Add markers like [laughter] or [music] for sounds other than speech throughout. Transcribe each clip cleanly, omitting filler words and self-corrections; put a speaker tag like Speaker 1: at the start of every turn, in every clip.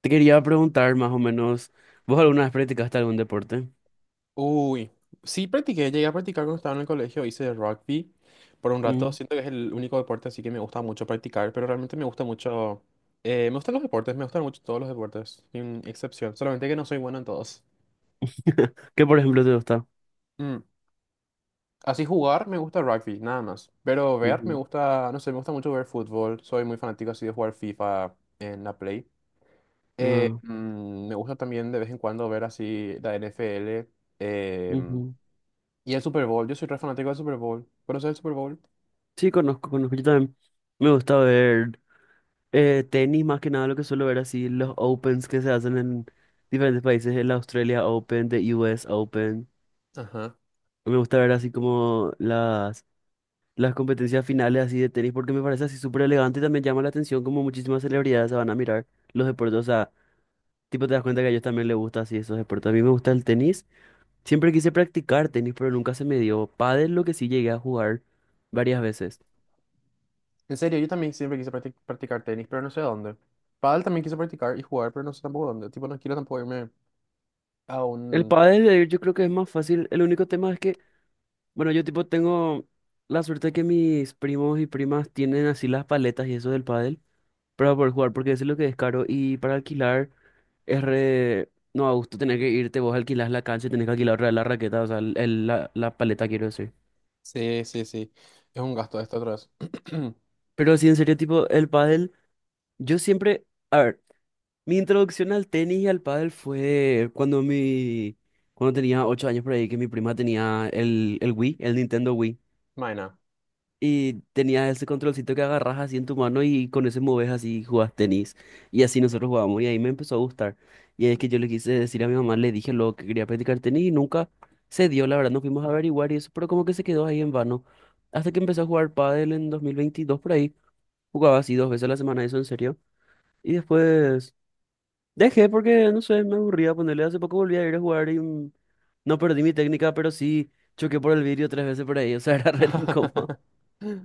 Speaker 1: Te quería preguntar más o menos, ¿vos alguna vez practicaste algún deporte?
Speaker 2: Uy, sí practiqué, llegué a practicar cuando estaba en el colegio, hice rugby por un rato,
Speaker 1: Ujú.
Speaker 2: siento que es el único deporte así que me gusta mucho practicar, pero realmente me gusta mucho, me gustan los deportes, me gustan mucho todos los deportes, sin excepción, solamente que no soy bueno en todos.
Speaker 1: [laughs] ¿Qué por ejemplo te gusta?
Speaker 2: Mm, Así jugar me gusta rugby, nada más, pero ver me
Speaker 1: Ujú.
Speaker 2: gusta, no sé, me gusta mucho ver fútbol, soy muy fanático así de jugar FIFA en la Play.
Speaker 1: Ah,
Speaker 2: Me gusta también de vez en cuando ver así la NFL. em,
Speaker 1: ujú.
Speaker 2: y el Super Bowl, yo soy re fanático del Super Bowl. ¿Conoces el Super Bowl?
Speaker 1: Sí, conozco, conozco. Yo también me gusta ver tenis, más que nada lo que suelo ver así, los Opens que se hacen en diferentes países, el Australia Open, the US Open.
Speaker 2: Ajá.
Speaker 1: Me gusta ver así como las competencias finales así de tenis porque me parece así súper elegante y también llama la atención como muchísimas celebridades se van a mirar los deportes, o sea, tipo te das cuenta que a ellos también les gusta así esos deportes. A mí me gusta el tenis. Siempre quise practicar tenis, pero nunca se me dio. Pádel lo que sí llegué a jugar varias veces.
Speaker 2: En serio, yo también siempre quise practicar tenis, pero no sé dónde. Pádel también quise practicar y jugar, pero no sé tampoco dónde. Tipo, no quiero tampoco irme a
Speaker 1: El
Speaker 2: un...
Speaker 1: pádel de ir yo creo que es más fácil. El único tema es que, bueno, yo tipo tengo la suerte que mis primos y primas tienen así las paletas y eso del pádel para poder jugar, porque eso es lo que es caro. Y para alquilar es re... No, a gusto tener que irte, vos alquilás la cancha y tenés que alquilar otra vez la raqueta, o sea, la paleta quiero decir.
Speaker 2: Sí, sí, sí. Es un gasto esto otra vez. [clears throat]
Speaker 1: Pero sí, en serio, tipo, el pádel, yo siempre... A ver. Mi introducción al tenis y al pádel fue cuando cuando tenía 8 años por ahí, que mi prima tenía el Wii, el Nintendo Wii,
Speaker 2: Maena.
Speaker 1: y tenía ese controlcito que agarras así en tu mano y con ese moves así y jugás tenis. Y así nosotros jugábamos y ahí me empezó a gustar. Y es que yo le quise decir a mi mamá, le dije lo que quería practicar tenis y nunca se dio, la verdad, nos fuimos a averiguar y eso, pero como que se quedó ahí en vano. Hasta que empecé a jugar pádel en 2022 por ahí, jugaba así 2 veces a la semana, eso en serio. Y después... Dejé porque, no sé, me aburría ponerle. Hace poco volví a ir a jugar y mm, no perdí mi técnica, pero sí choqué por el vidrio 3 veces por ahí. O sea, [laughs] era re incómodo.
Speaker 2: [laughs]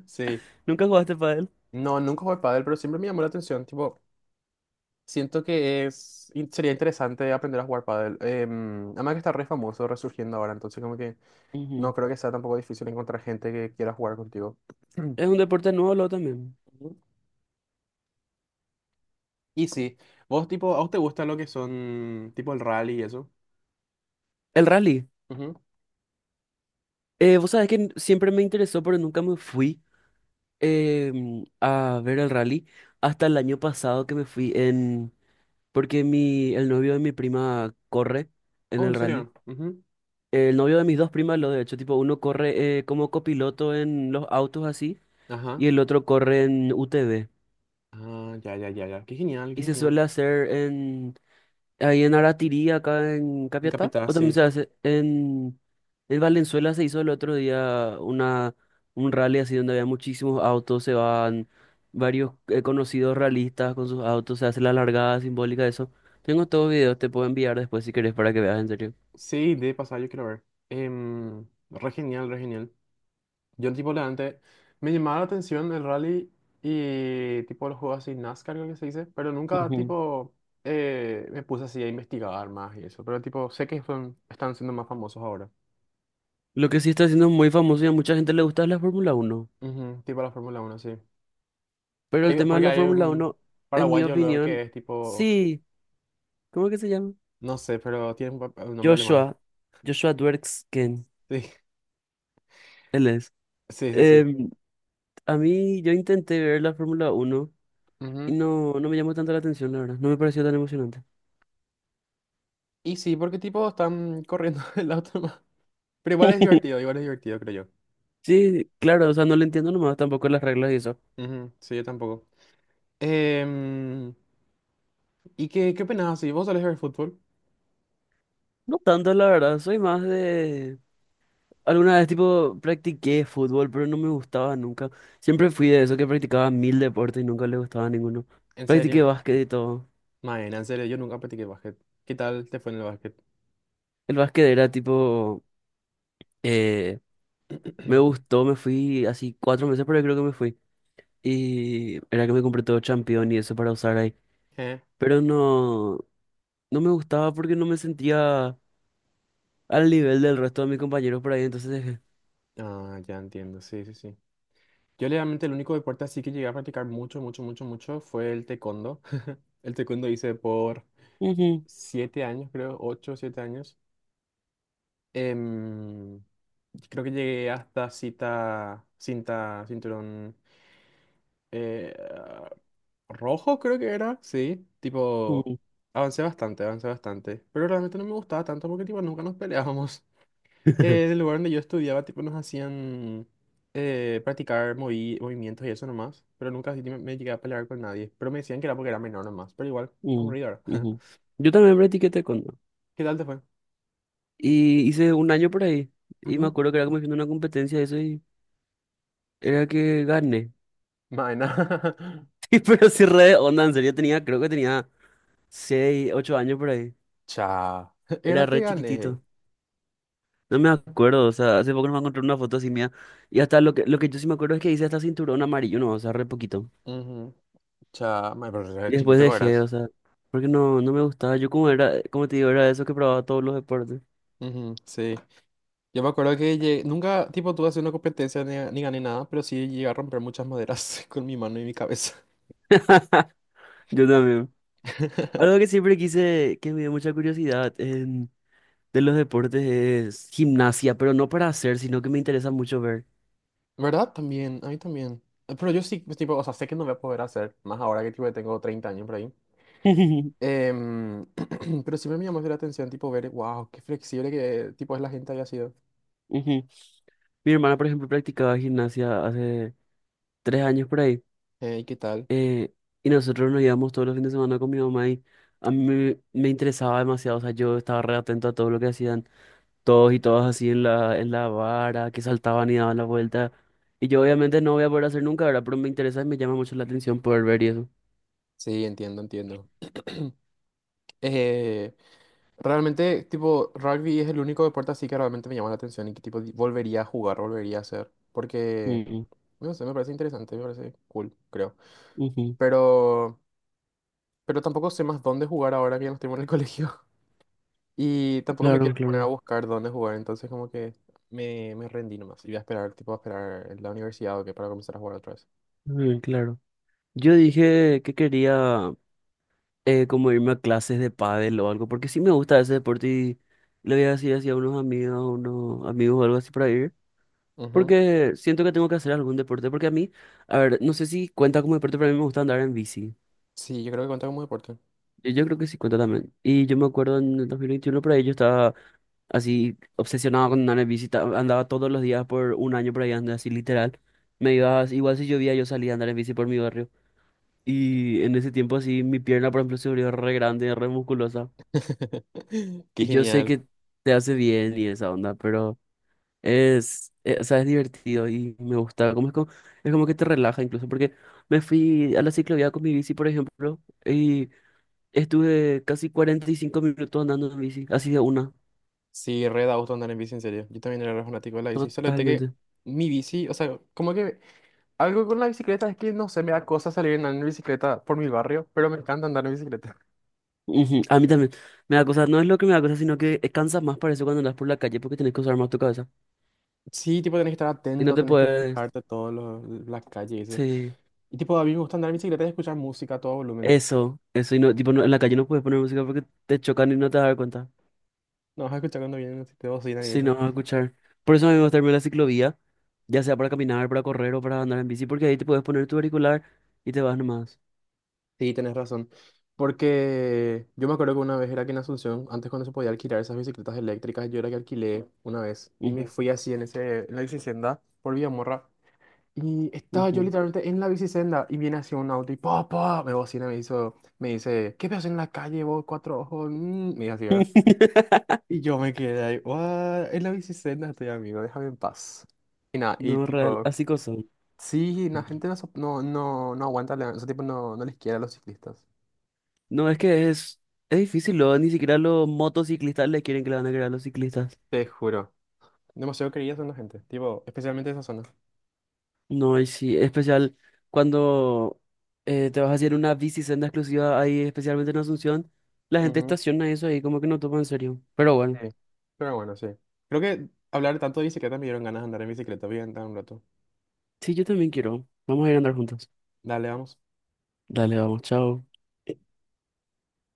Speaker 2: Sí.
Speaker 1: ¿Nunca jugaste pádel?
Speaker 2: No, nunca jugué pádel, pero siempre me llamó la atención. Tipo, siento que sería interesante aprender a jugar pádel. Además que está re famoso, resurgiendo ahora. Entonces, como que
Speaker 1: Ujú.
Speaker 2: no creo que sea tampoco difícil encontrar gente que quiera jugar contigo. [clears throat]
Speaker 1: Es un deporte nuevo, lo también.
Speaker 2: Y sí, vos tipo, ¿a vos te gusta lo que son tipo el rally y eso?
Speaker 1: El rally.
Speaker 2: Ujú.
Speaker 1: Vos sabés que siempre me interesó, pero nunca me fui a ver el rally hasta el año pasado que me fui en... Porque el novio de mi prima corre en
Speaker 2: Oh,
Speaker 1: el
Speaker 2: ¿en
Speaker 1: rally.
Speaker 2: serio? Ujú.
Speaker 1: El novio de mis dos primas, lo de hecho, tipo, uno corre como copiloto en los autos así.
Speaker 2: Ajá.
Speaker 1: Y el otro corre en UTV.
Speaker 2: Ah, ya, ya, ya, ya. Qué genial, qué
Speaker 1: Y se
Speaker 2: genial.
Speaker 1: suele hacer en ahí en Aratirí, acá en
Speaker 2: En
Speaker 1: Capiatá,
Speaker 2: Capital,
Speaker 1: o también
Speaker 2: sí.
Speaker 1: se hace en Valenzuela se hizo el otro día un rally así donde había muchísimos autos, se van varios conocidos realistas con sus autos, se hace la largada simbólica de eso. Tengo todos los videos, te puedo enviar después si querés para que veas en serio.
Speaker 2: Sí, de pasar, yo quiero ver. Re genial, re genial. Yo tipo la antes me llamaba la atención el rally y tipo los juegos así NASCAR, creo que se dice, pero nunca
Speaker 1: Ujú.
Speaker 2: tipo me puse así a investigar más y eso, pero tipo sé que son, están siendo más famosos ahora.
Speaker 1: Lo que sí está siendo muy famoso y a mucha gente le gusta es la Fórmula 1.
Speaker 2: Ujú. Tipo la Fórmula Uno, sí.
Speaker 1: Pero el tema de
Speaker 2: Porque
Speaker 1: la
Speaker 2: hay
Speaker 1: Fórmula
Speaker 2: un
Speaker 1: Uno en mi
Speaker 2: paraguayo luego que
Speaker 1: opinión,
Speaker 2: es tipo,
Speaker 1: sí. ¿Cómo que se llama?
Speaker 2: no sé, pero tiene un nombre alemán.
Speaker 1: Joshua, Joshua Dwerksken,
Speaker 2: Sí,
Speaker 1: él es.
Speaker 2: sí, sí, sí.
Speaker 1: Em, a mí, yo intenté ver la Fórmula 1 y
Speaker 2: Ujú.
Speaker 1: no, no me llamó tanto la atención, la verdad. No me pareció tan emocionante.
Speaker 2: Y sí, porque tipo están corriendo [laughs] el auto nomás. Pero
Speaker 1: [laughs]
Speaker 2: igual es divertido, creo
Speaker 1: Sí, claro, o sea, no le entiendo nomás tampoco las reglas y eso.
Speaker 2: yo. Ujú. Sí, yo tampoco. Em, ¿Y qué opinás si vos solés ver fútbol?
Speaker 1: No tanto, la verdad, soy más de... Alguna vez, tipo, practiqué fútbol, pero no me gustaba nunca. Siempre fui de eso que practicaba mil deportes y nunca le gustaba ninguno.
Speaker 2: ¿En
Speaker 1: Practiqué
Speaker 2: serio?
Speaker 1: básquet y todo.
Speaker 2: Maena, en serio, yo nunca practiqué básquet. ¿Qué tal te fue en el básquet?
Speaker 1: El básquet era tipo... eh, me
Speaker 2: [clears throat]
Speaker 1: gustó, me fui así 4 meses, pero yo creo que me fui. Y era que me compré todo Champion y eso para usar ahí.
Speaker 2: Eh,
Speaker 1: Pero no, no me gustaba porque no me sentía al nivel del resto de mis compañeros por ahí. Entonces dejé.
Speaker 2: Ah, ya entiendo, sí, sí, sí. Yo realmente el único deporte así que llegué a practicar mucho, mucho, mucho, mucho fue el taekwondo. [laughs] El taekwondo hice por
Speaker 1: "Ujú,
Speaker 2: 7 años, creo, 8, 7 años. Em, Creo que llegué hasta cinturón eh, rojo, creo que era, sí. Tipo,
Speaker 1: ujú,
Speaker 2: avancé bastante, avancé bastante. Pero realmente no me gustaba tanto porque tipo nunca nos peleábamos. En
Speaker 1: [laughs]
Speaker 2: el lugar donde yo estudiaba, tipo, nos hacían practicar movimientos y eso nomás, pero nunca así me llegué a pelear con nadie. Pero me decían que era porque era menor nomás, pero igual,
Speaker 1: ujú,
Speaker 2: aburrido era. [laughs]
Speaker 1: ujú". Yo también practiqué taekwondo.
Speaker 2: ¿Qué tal te fue?
Speaker 1: Y hice un año por ahí. Y me
Speaker 2: Ujú.
Speaker 1: acuerdo que era como haciendo una competencia de eso y era que gané. [laughs]
Speaker 2: Maena.
Speaker 1: Sí, pero sí re de onda, en serio tenía, creo que tenía 6 8 años por ahí.
Speaker 2: [laughs] Cha.
Speaker 1: Era
Speaker 2: Era que
Speaker 1: re
Speaker 2: gané.
Speaker 1: chiquitito. No me acuerdo, o sea, hace poco no me encontré una foto así mía. Y hasta lo que yo sí me acuerdo es que hice hasta cinturón amarillo, no, o sea, re poquito.
Speaker 2: Ujú. Cha, mae, pero
Speaker 1: Y
Speaker 2: era
Speaker 1: después
Speaker 2: chiquito que
Speaker 1: dejé,
Speaker 2: eras.
Speaker 1: o sea, porque no, no me gustaba. Yo como era, como te digo, era de esos que probaba todos los deportes.
Speaker 2: Ujú, sí. Yo me acuerdo que nunca, tipo, tuve así una competencia ni gané nada, pero sí llegué a romper muchas maderas [laughs] con mi mano y mi cabeza.
Speaker 1: [laughs] Yo también.
Speaker 2: [laughs]
Speaker 1: Algo que siempre quise, que me dio mucha curiosidad de los deportes es gimnasia, pero no para hacer, sino que me interesa mucho ver.
Speaker 2: ¿Verdad? También, a mí también. Pero yo sí, pues, tipo, o sea, sé que no voy a poder hacer, más ahora que tipo, tengo 30 años por ahí.
Speaker 1: [laughs] Ujú.
Speaker 2: Em, [clears throat] pero sí me llamó la atención, tipo, ver, wow, qué flexible que tipo es la gente había sido.
Speaker 1: Mi hermana, por ejemplo, practicaba gimnasia hace 3 años por ahí.
Speaker 2: ¿Y qué tal?
Speaker 1: Eh, y nosotros nos íbamos todos los fines de semana con mi mamá y a mí me interesaba demasiado, o sea, yo estaba re atento a todo lo que hacían todos y todas así en en la vara, que saltaban y daban la vuelta. Y yo obviamente no voy a poder hacer nunca, ¿verdad? Pero me interesa y me llama mucho la atención poder ver y eso.
Speaker 2: Sí, entiendo, entiendo. Eh, Realmente, tipo, rugby es el único deporte así que realmente me llama la atención y que tipo volvería a jugar, volvería a hacer. Porque,
Speaker 1: Mm,
Speaker 2: no sé, me parece interesante, me parece cool, creo.
Speaker 1: ujú.
Speaker 2: Pero, pero tampoco sé más dónde jugar ahora que ya no estoy en el [laughs] colegio. Y tampoco me
Speaker 1: Claro,
Speaker 2: quiero poner a
Speaker 1: claro,
Speaker 2: buscar dónde jugar, entonces como que me rendí nomás. Y voy a esperar, tipo, a esperar en la universidad o que para comenzar a jugar otra vez.
Speaker 1: mm, claro. Yo dije que quería como irme a clases de pádel o algo, porque sí me gusta ese deporte y le voy a decir así a unos amigos o algo así para ir.
Speaker 2: Ujú.
Speaker 1: Porque siento que tengo que hacer algún deporte. Porque a mí, a ver, no sé si cuenta como deporte, pero a mí me gusta andar en bici.
Speaker 2: Sí, yo creo que cuenta como deporte.
Speaker 1: Yo creo que sí cuenta también. Y yo me acuerdo en el 2021 por ahí, yo estaba así obsesionado con andar en bici. Andaba todos los días por un año por ahí, andaba así literal. Me iba, igual si llovía, yo salía a andar en bici por mi barrio. Y en ese tiempo así, mi pierna, por ejemplo, se volvió re grande, re musculosa.
Speaker 2: [laughs] Qué
Speaker 1: Y yo sé
Speaker 2: genial.
Speaker 1: que te hace bien y esa onda, es, o sea, es divertido y me gusta. Como es, como, es como que te relaja incluso, porque me fui a la ciclovía con mi bici, por ejemplo, y estuve casi 45 minutos andando en bici, así de una,
Speaker 2: Sí, re da gusto andar en bici, en serio. Yo también era re fanático de la bici. Solo que
Speaker 1: totalmente.
Speaker 2: mi bici, o sea, como que algo con la bicicleta es que no sé, me da cosa salir en bicicleta por mi barrio, pero me encanta andar en bicicleta. [laughs]
Speaker 1: Ujú, a mí también. Me da cosa, no es lo que me da cosa, sino que cansa más para eso cuando andas por la calle porque tenés que usar más tu cabeza.
Speaker 2: Sí, tipo, tenés que estar
Speaker 1: Y no
Speaker 2: atento,
Speaker 1: te
Speaker 2: tenés que
Speaker 1: puedes.
Speaker 2: fijarte todas las calles y eso.
Speaker 1: Sí,
Speaker 2: Y tipo, a mí me gusta andar en bicicleta y escuchar música a todo volumen.
Speaker 1: eso, eso. Y no, tipo, en la calle no puedes poner música porque te chocan y no te das cuenta.
Speaker 2: No vas a escuchar cuando vienen así de bocina y
Speaker 1: Sí,
Speaker 2: eso.
Speaker 1: no vas a escuchar. Por eso a mí me gusta irme a la ciclovía, ya sea para caminar, para correr o para andar en bici, porque ahí te puedes poner tu auricular y te vas nomás.
Speaker 2: Sí, tenés razón. Porque yo me acuerdo que una vez era que en Asunción, antes cuando se podía alquilar esas bicicletas eléctricas, yo era que alquilé una vez. Y me
Speaker 1: Ujú,
Speaker 2: fui así en ese, en la bicicenda por Villamorra. Y estaba yo
Speaker 1: ujú.
Speaker 2: literalmente en la bicicenda y viene así un auto y papá, me bocina, me hizo, me dice: ¿qué ves en la calle vos, cuatro ojos? Mm, me dice así, ¿verdad?
Speaker 1: [laughs]
Speaker 2: Y yo me quedé ahí: ¿What? En la bicicenda estoy, amigo, déjame en paz. Y nada, y
Speaker 1: No, real,
Speaker 2: tipo...
Speaker 1: así cosas.
Speaker 2: Sí, la gente no, no, no, no aguanta, ese tipo no, no les quiere a los ciclistas.
Speaker 1: No, es que es difícil, luego ni siquiera los motociclistas le quieren que le van a creer a los ciclistas.
Speaker 2: Te juro. Demasiado queridas son la gente, tipo, especialmente esa zona.
Speaker 1: No, y sí, especial cuando te vas a hacer una bici senda exclusiva ahí, especialmente en Asunción, la gente
Speaker 2: Ujú.
Speaker 1: estaciona eso ahí, como que no toma en serio. Pero bueno,
Speaker 2: Sí. Pero bueno, sí. Creo que hablar tanto de bicicleta me dieron ganas de andar en bicicleta. Voy a andar un rato.
Speaker 1: sí, yo también quiero. Vamos a ir a andar juntos.
Speaker 2: Dale, vamos.
Speaker 1: Dale, vamos, chao.